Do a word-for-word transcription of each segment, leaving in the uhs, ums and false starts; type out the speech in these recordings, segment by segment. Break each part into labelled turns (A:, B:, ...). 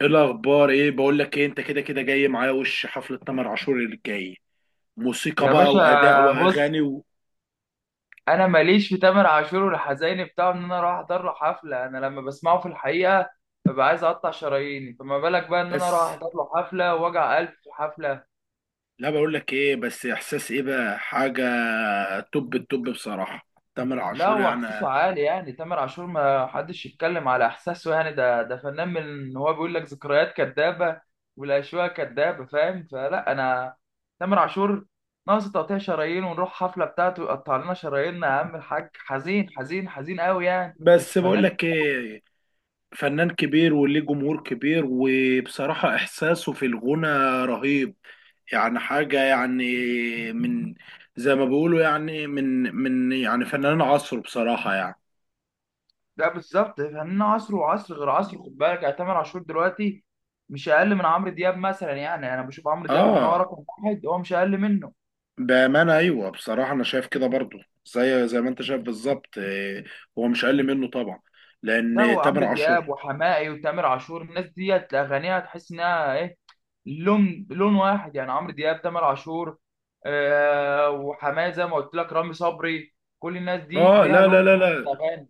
A: ايه الاخبار؟ ايه بقول لك ايه انت كده كده جاي معايا وش حفله تامر عاشور اللي جاي؟ موسيقى
B: يا
A: بقى
B: باشا،
A: واداء
B: بص.
A: واغاني و...
B: انا ماليش في تامر عاشور والحزين بتاعه ان انا اروح احضر له حفله. انا لما بسمعه في الحقيقه ببقى عايز اقطع شراييني، فما بالك بقى ان انا
A: بس،
B: اروح احضر له حفله واوجع قلب في حفله.
A: لا بقول لك ايه، بس احساس ايه بقى حاجه. توب التوب بصراحه. تامر
B: لا
A: عاشور
B: هو
A: يعني.
B: احساسه عالي يعني تامر عاشور ما حدش يتكلم على احساسه، يعني ده ده فنان من إن هو بيقول لك ذكريات كدابه والاشواق كدابه، فاهم؟ فلا انا تامر عاشور ناقص تقطيع شرايين ونروح حفله بتاعته يقطع لنا شراييننا يا عم الحاج. حزين حزين حزين قوي يعني، بس
A: بس بقول
B: فنان.
A: لك ايه، فنان كبير وليه جمهور كبير وبصراحه احساسه في الغنى رهيب. يعني حاجه يعني، من زي ما بيقولوا يعني من من يعني فنان عصره بصراحه يعني.
B: لا بالظبط فنان عصر، وعصر غير عصر. خد بالك يعني تامر عاشور دلوقتي مش اقل من عمرو دياب مثلا. يعني انا بشوف عمرو دياب ان هو
A: اه،
B: رقم واحد، هو مش اقل منه.
A: بأمانة أيوة. بصراحة أنا شايف كده برضو، زي زي ما أنت شايف بالظبط، إيه، هو مش أقل منه طبعا،
B: ده
A: لأن
B: هو
A: تامر
B: عمرو دياب
A: عاشور...
B: وحماقي وتامر عاشور الناس ديت اغانيها تحس انها ايه، لون لون واحد يعني. عمرو دياب، تامر عاشور، آه، وحماقي زي ما قلت لك، رامي صبري، كل الناس دي
A: آه
B: ليها
A: لا
B: لون
A: لا لا
B: في
A: لا،
B: الاغاني.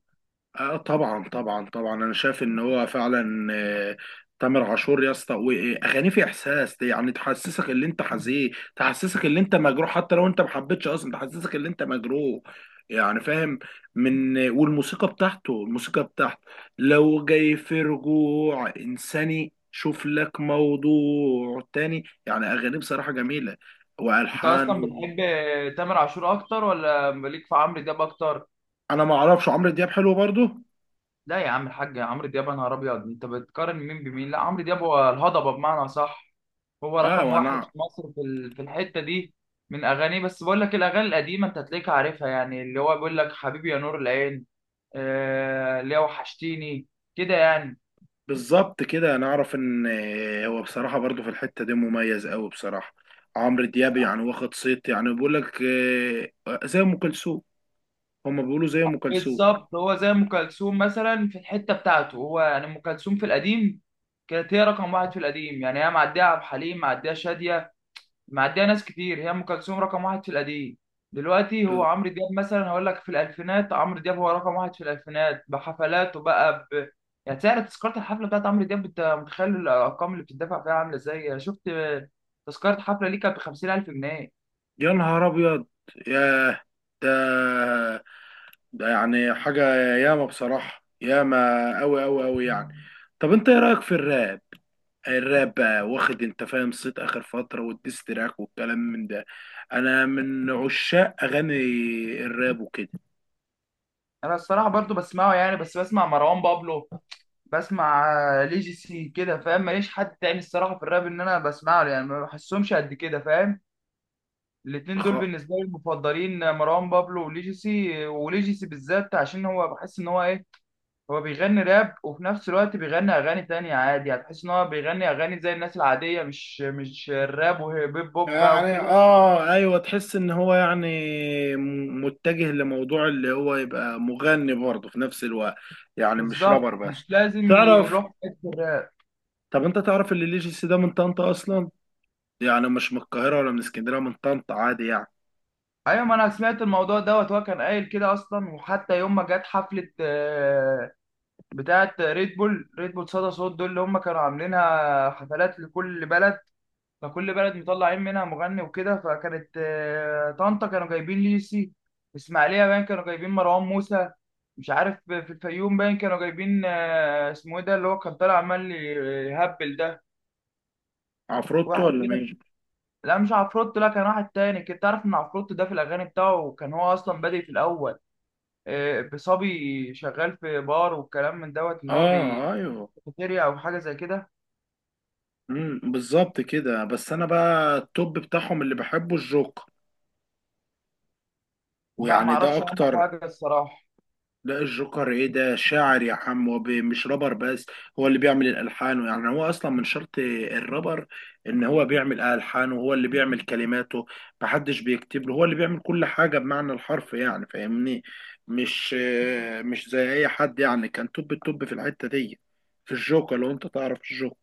A: آه طبعا طبعا طبعا، انا شايف ان هو فعلا آه، تامر عاشور يا اسطى، واغانيه في احساس دي. يعني تحسسك ان انت حزين، تحسسك ان انت مجروح، حتى لو انت ما حبيتش اصلا تحسسك ان انت مجروح يعني، فاهم. من والموسيقى بتاعته، الموسيقى بتاعته لو جاي في رجوع انساني شوف لك موضوع تاني، يعني اغانيه بصراحة جميلة،
B: انت
A: والحان
B: اصلا بتحب
A: و...
B: تامر عاشور اكتر ولا ليك في عمرو دياب اكتر؟
A: انا ما اعرفش، عمرو دياب حلو برضه.
B: لا يا عم الحاج، عمرو دياب يا نهار ابيض، انت بتقارن مين بمين؟ لا عمرو دياب هو الهضبه بمعنى صح. هو
A: اه،
B: رقم واحد
A: وانا
B: في مصر، في ال- في الحته دي، من اغانيه. بس بقول لك الاغاني القديمه انت هتلاقيك عارفها يعني، اللي هو بيقول لك حبيبي يا نور العين، آه، اللي هو وحشتيني كده يعني.
A: بالظبط كده، انا اعرف ان آه، هو بصراحه برضو في الحته دي مميز قوي بصراحه. عمرو دياب يعني واخد صيت، يعني بيقول لك آه، زي ام كلثوم، هما بيقولوا زي ام كلثوم.
B: بالظبط هو زي ام كلثوم مثلا في الحته بتاعته. هو يعني ام كلثوم في القديم كانت هي رقم واحد في القديم، يعني هي معديه عبد الحليم، معديه شاديه، معديه ناس كتير، هي ام كلثوم رقم واحد في القديم. دلوقتي هو
A: آه،
B: عمرو دياب مثلا. هقول لك في الالفينات عمرو دياب هو رقم واحد في الالفينات بحفلاته بقى ب... يعني سعر تذكره الحفله بتاعت عمرو دياب انت متخيل الارقام اللي بتدفع فيها عامله ازاي؟ انا شفت تذكره حفله ليه كانت ب خمسين الف جنيه.
A: يا نهار ابيض! ياه! ده ده يعني حاجه. ياما بصراحه، ياما قوي قوي قوي يعني. طب انت ايه رايك في الراب؟ الراب بقى واخد انت فاهم صيت اخر فتره، والديستراك والكلام من ده. انا من عشاق اغاني الراب وكده
B: انا الصراحه برضو بسمعه يعني، بس بسمع مروان بابلو، بسمع آه، ليجيسي كده، فاهم؟ ماليش حد تاني الصراحه في الراب ان انا بسمعه يعني، ما بحسهمش قد كده فاهم. الاتنين دول بالنسبه لي المفضلين، مروان بابلو وليجيسي. وليجيسي بالذات عشان هو بحس ان هو ايه، هو بيغني راب وفي نفس الوقت بيغني اغاني تانية عادي. هتحس ان هو بيغني اغاني زي الناس العاديه، مش مش الراب وهيب هوب بقى
A: يعني.
B: وكده.
A: اه ايوه، تحس ان هو يعني م- متجه لموضوع اللي هو يبقى مغني برضه في نفس الوقت، يعني مش
B: بالظبط
A: رابر بس.
B: مش لازم
A: تعرف،
B: يروح في حته الراب.
A: طب انت تعرف اللي ليجيسي ده من طنطا اصلا؟ يعني مش من القاهره ولا من اسكندريه، من طنطا عادي يعني.
B: ايوه ما انا سمعت الموضوع دوت، هو كان قايل كده اصلا. وحتى يوم ما جت حفله آه، بتاعه ريد بول، ريد بول صدى صوت دول اللي هم كانوا عاملينها حفلات لكل بلد، فكل بلد مطلعين منها مغني وكده. فكانت آه، طنطا كانوا جايبين ليسي، اسماعيليه باين كانوا جايبين مروان موسى، مش عارف في الفيوم باين كانوا جايبين آه، اسمه ايه ده اللي هو كان طالع عمال يهبل ده.
A: عفروتو
B: واحد
A: ولا مين؟
B: كده، لا مش عفروت، لا كان واحد تاني. كنت تعرف ان عفروت ده في الاغاني بتاعه كان هو اصلا بادئ في الاول آه، بصبي شغال في بار والكلام من دوت، ان هو بي-
A: اه ايوه.
B: كافيتيريا او حاجه زي كده.
A: امم، بالظبط كده. بس انا بقى التوب بتاعهم اللي بحبه الجوكر،
B: لا
A: ويعني ده
B: معرفش عنه
A: اكتر.
B: حاجه الصراحه.
A: لا الجوكر ايه ده، شاعر يا حم ومش رابر بس. هو اللي بيعمل الالحان، يعني هو اصلا من شرط الرابر ان هو بيعمل الحانه، وهو اللي بيعمل كلماته. محدش بيكتب له، هو اللي بيعمل كل حاجه بمعنى الحرف يعني فاهمني. مش مش زي اي حد يعني. كان توب التوب في الحته دي، في الجوكر لو انت تعرف الجوكر.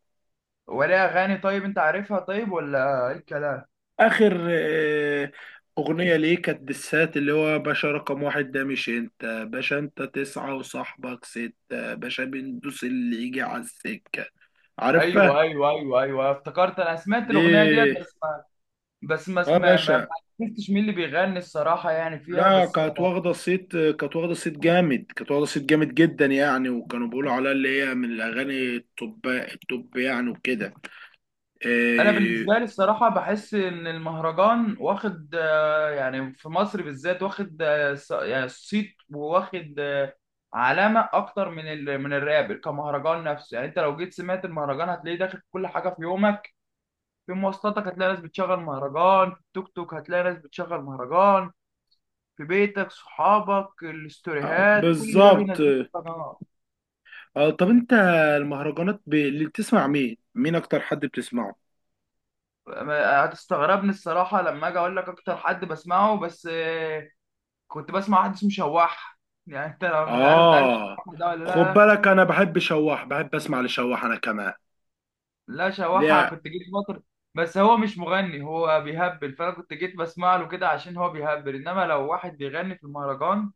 B: ولا اغاني طيب انت عارفها طيب ولا ايه الكلام؟
A: اخر آه، اغنيه ليه كانت بالسات، اللي هو باشا رقم واحد، ده مش انت باشا، انت تسعة وصاحبك ستة، باشا بندوس اللي يجي على السكه.
B: ايوه
A: عارفها؟
B: ايوه ايوه ايوه، افتكرت. انا سمعت الاغنيه ديت،
A: دي،
B: بس ما بس ما
A: اه،
B: اسمع ما ما
A: باشا.
B: عرفتش مين اللي بيغني الصراحه يعني فيها،
A: لا
B: بس ب...
A: كانت واخده صيت، كانت واخده صيت جامد، كانت واخده صيت جامد جدا يعني، وكانوا بيقولوا عليها اللي هي من الاغاني التوب التوب يعني وكده.
B: انا
A: آه،
B: بالنسبه لي الصراحه بحس ان المهرجان واخد آه، يعني في مصر بالذات واخد آه، ص- يعني صيت، واخد آه، علامه اكتر من ال... من الراب كمهرجان نفسه. يعني انت لو جيت سمعت المهرجان هتلاقيه داخل في كل حاجه في يومك. في مواصلاتك هتلاقي ناس بتشغل مهرجان، في التوك توك هتلاقي ناس بتشغل مهرجان، في بيتك صحابك
A: آه،
B: الاستوريهات كل ده
A: بالظبط.
B: بينزله في القناة.
A: آه، طب انت المهرجانات ب... اللي بتسمع مين؟ مين اكتر حد بتسمعه؟
B: ما- هتستغربني الصراحة لما أجي أقول لك أكتر حد بسمعه، بس آه، كنت بسمع واحد اسمه شواح يعني. أنت لو مش عارف، أنت عارف
A: آه،
B: شواح ده ولا
A: خد
B: لأ؟
A: بالك، أنا بحب شواح، بحب أسمع لشواح أنا كمان.
B: لا شواحة
A: لا
B: كنت جيت فترة، بس هو مش مغني هو بيهبل. فأنا كنت جيت بسمع له كده عشان هو بيهبل، إنما لو واحد بيغني في المهرجان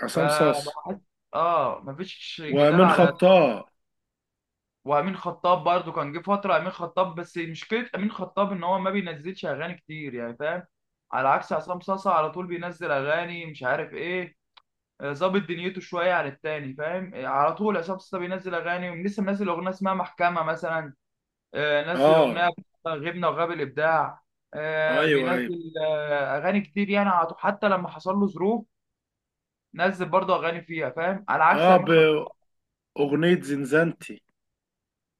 A: عصام صاص،
B: فبحس. آه مفيش جدال
A: ومن
B: على.
A: خطاه.
B: وامين خطاب برضو كان جه فتره امين خطاب، بس مشكله امين خطاب ان هو ما بينزلش اغاني كتير يعني فاهم، على عكس عصام صاصا على طول بينزل اغاني مش عارف ايه. آه، ظابط دنيته شويه عن التاني فاهم، آه، على طول عصام صاصا بينزل اغاني. لسه منزل اغنيه اسمها محكمه مثلا، آه، نزل اغنيه
A: آه
B: غبنا وغاب الابداع،
A: أيوه
B: آه،
A: أيوه.
B: بينزل آه، اغاني كتير يعني على طول. حتى لما حصل له ظروف نزل برضه اغاني فيها فاهم، على عكس
A: آه،
B: امين خطاب.
A: بأغنية زنزانتي.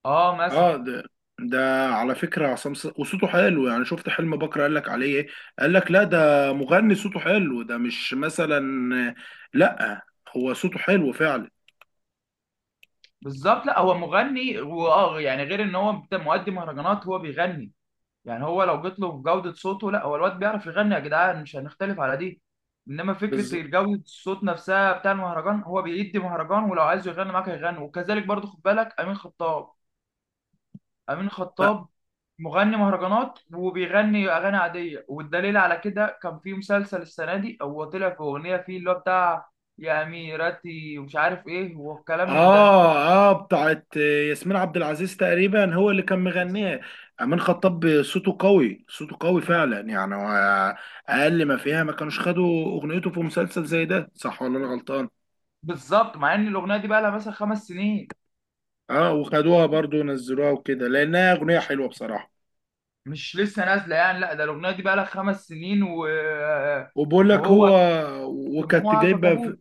B: اه مثلا.
A: آه ده، ده على فكرة عصام صاص وصوته حلو يعني. شفت حلم بكرة قال لك عليه إيه؟ قال لك لا ده مغني صوته حلو ده، مش مثلا... لا هو صوته حلو فعلا.
B: بالظبط لا هو مغني واه يعني، غير ان هو بت- مؤدي مهرجانات هو بيغني. يعني هو لو جيت له في جودة صوته، لا هو الواد بيعرف يغني يا جدعان، مش هنختلف على دي. انما
A: بز...
B: فكرة جودة الصوت نفسها بتاع المهرجان، هو بيدي مهرجان ولو عايز يغني معاك هيغني. وكذلك برضو خد بالك امين خطاب. امين خطاب مغني مهرجانات وبيغني اغاني عادية، والدليل على كده كان في مسلسل السنة دي هو طلع في اغنية فيه اللي هو بتاع يا اميرتي ومش عارف ايه والكلام من
A: اه اه، بتاعت ياسمين عبد العزيز تقريبا هو اللي كان مغنيها. امين
B: ده.
A: خطاب صوته قوي، صوته قوي فعلا يعني هو. اقل ما فيها ما كانوش خدوا اغنيته في مسلسل زي ده، صح ولا انا غلطان؟
B: بالظبط، مع ان الاغنيه دي بقى لها مثلا خمس سنين.
A: اه وخدوها برضو ونزلوها وكده لانها اغنيه
B: مش
A: حلوه بصراحه.
B: مش لسه نازله يعني، لا ده الاغنيه دي بقى لها خمس سنين و...
A: وبقول لك
B: وهو
A: هو... وكانت
B: سمعوها
A: جايبه،
B: فجابوه.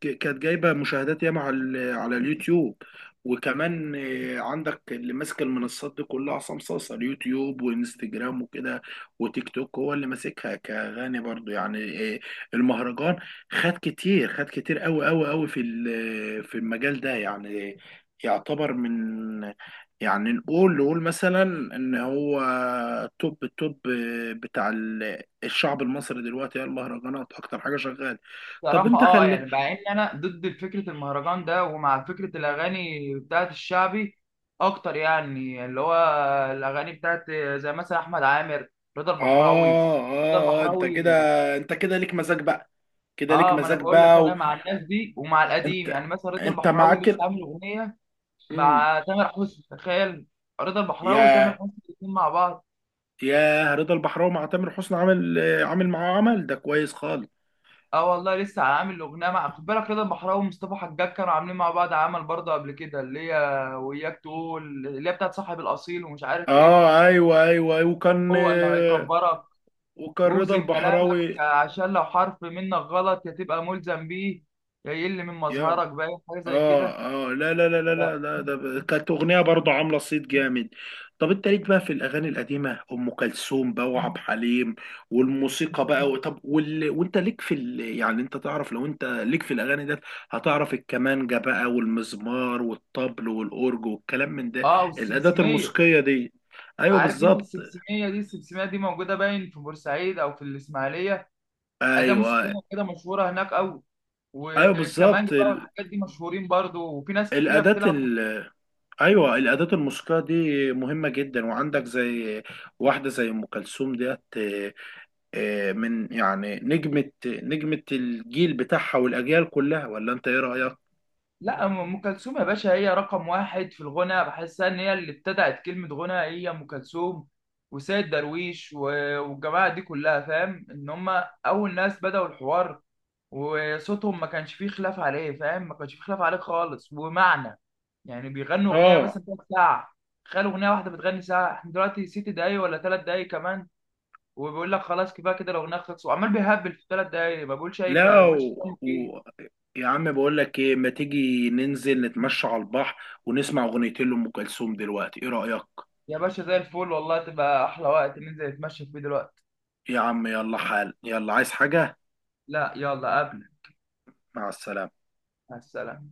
A: ك- كانت جايبه مشاهدات ياما على ال- على اليوتيوب. وكمان آه، عندك اللي ماسك المنصات دي كلها عصام صاصا: اليوتيوب وانستجرام وكده وتيك توك، هو اللي ماسكها كغني برضو يعني. آه، المهرجان خد كتير، خد كتير قوي قوي قوي في ال- في المجال ده يعني. يعتبر من... يعني نقول نقول مثلا ان هو توب التوب بتاع ال- الشعب المصري دلوقتي. هي المهرجانات اكتر حاجه شغاله. طب
B: صراحه
A: انت
B: اه
A: كان لك...
B: يعني، مع ان انا ضد فكره المهرجان ده ومع فكره الاغاني بتاعت الشعبي اكتر يعني، اللي هو الاغاني بتاعت زي مثلا احمد عامر، رضا
A: آه
B: البحراوي، رضا
A: آه آه، أنت كده
B: البحراوي.
A: أنت كده ليك مزاج بقى، كده ليك
B: اه ما انا
A: مزاج
B: بقول لك انا
A: بقى.
B: مع الناس دي ومع القديم.
A: وأنت
B: يعني مثلا رضا
A: أنت
B: البحراوي
A: معاك
B: لسه
A: ال-
B: عامل اغنيه
A: مم.
B: مع تامر حسني، تخيل. رضا البحراوي وتامر
A: ياه،
B: حسني الاثنين مع بعض.
A: ياه رضا البحراوي مع تامر حسني، عامل عامل معاه عمل ده كويس خالص.
B: اه والله لسه عامل اغنيه مع، خد بالك، رضا البحراوي ومصطفى حجاج كانوا عاملين مع بعض عمل برضه قبل كده اللي هي وياك تقول، اللي هي بتاعت صاحب الاصيل ومش عارف ايه.
A: آه أيوه أيوه أيوه، وكان
B: هو اللي
A: آه،
B: هيكبرك
A: وكان رضا
B: ووزن كلامك
A: البحراوي
B: عشان لو حرف منك غلط يا تبقى ملزم بيه يا يقل من
A: يا...
B: مظهرك باين، حاجه زي
A: اه
B: كده.
A: اه، لا لا لا لا لا لا، ده ب- كانت اغنيه برضه عامله صيت جامد. طب انت ليك بقى في الاغاني القديمه ام كلثوم بقى وعبد الحليم والموسيقى بقى و- طب وال... وانت ليك في ال... يعني انت تعرف، لو انت ليك في الاغاني ده هتعرف الكمانجه بقى والمزمار والطبل والاورج والكلام من ده.
B: اه
A: الاداه
B: والسمسميه.
A: الموسيقيه دي. ايوه
B: عارف انت
A: بالظبط.
B: السمسميه دي؟ السمسميه دي موجوده باين في بورسعيد او في الاسماعيليه، اداه موسيقيه
A: ايوه
B: كده مشهوره هناك قوي.
A: ايوه
B: وكمانجا
A: بالظبط.
B: بقى
A: ال...
B: والحاجات دي مشهورين برضو، وفي ناس كتيرة
A: الاداه.
B: بتلعب.
A: ايوه الاداه الموسيقيه دي مهمه جدا. وعندك زي واحده زي ام كلثوم ديت آه، آه، من يعني نجمه نجمه الجيل بتاعها والاجيال كلها، ولا انت ايه رايك؟
B: لا ام كلثوم يا باشا هي رقم واحد في الغنى، بحسها ان هي اللي ابتدعت كلمة غنى. هي ام كلثوم وسيد درويش و- والجماعة دي كلها، فاهم ان هم اول ناس بدأوا الحوار، وصوتهم ما كانش فيه خلاف عليه، فاهم، ما كانش فيه خلاف عليه خالص. ومعنى يعني بيغنوا اغنية
A: اه
B: مثلا تلات ساعة، تخيل اغنية واحدة بتغني ساعة. احنا دلوقتي ست دقايق ولا تلات دقايق كمان وبيقول لك خلاص كفايه كده لو نخلص، وعمال بيهبل في ثلاث دقايق ما بقولش اي كلام، ما
A: لا،
B: بقولش
A: و...
B: كلام
A: و...
B: فيه.
A: يا عم بقول لك ايه، ما تيجي ننزل نتمشى على البحر ونسمع اغنيتين لام كلثوم دلوقتي، ايه رايك؟
B: يا باشا زي الفل والله، تبقى احلى وقت ننزل نتمشى فيه دلوقتي.
A: يا عم يلا حال، يلا عايز حاجه؟
B: لا يلا قبل.
A: مع السلامه.
B: مع السلامه.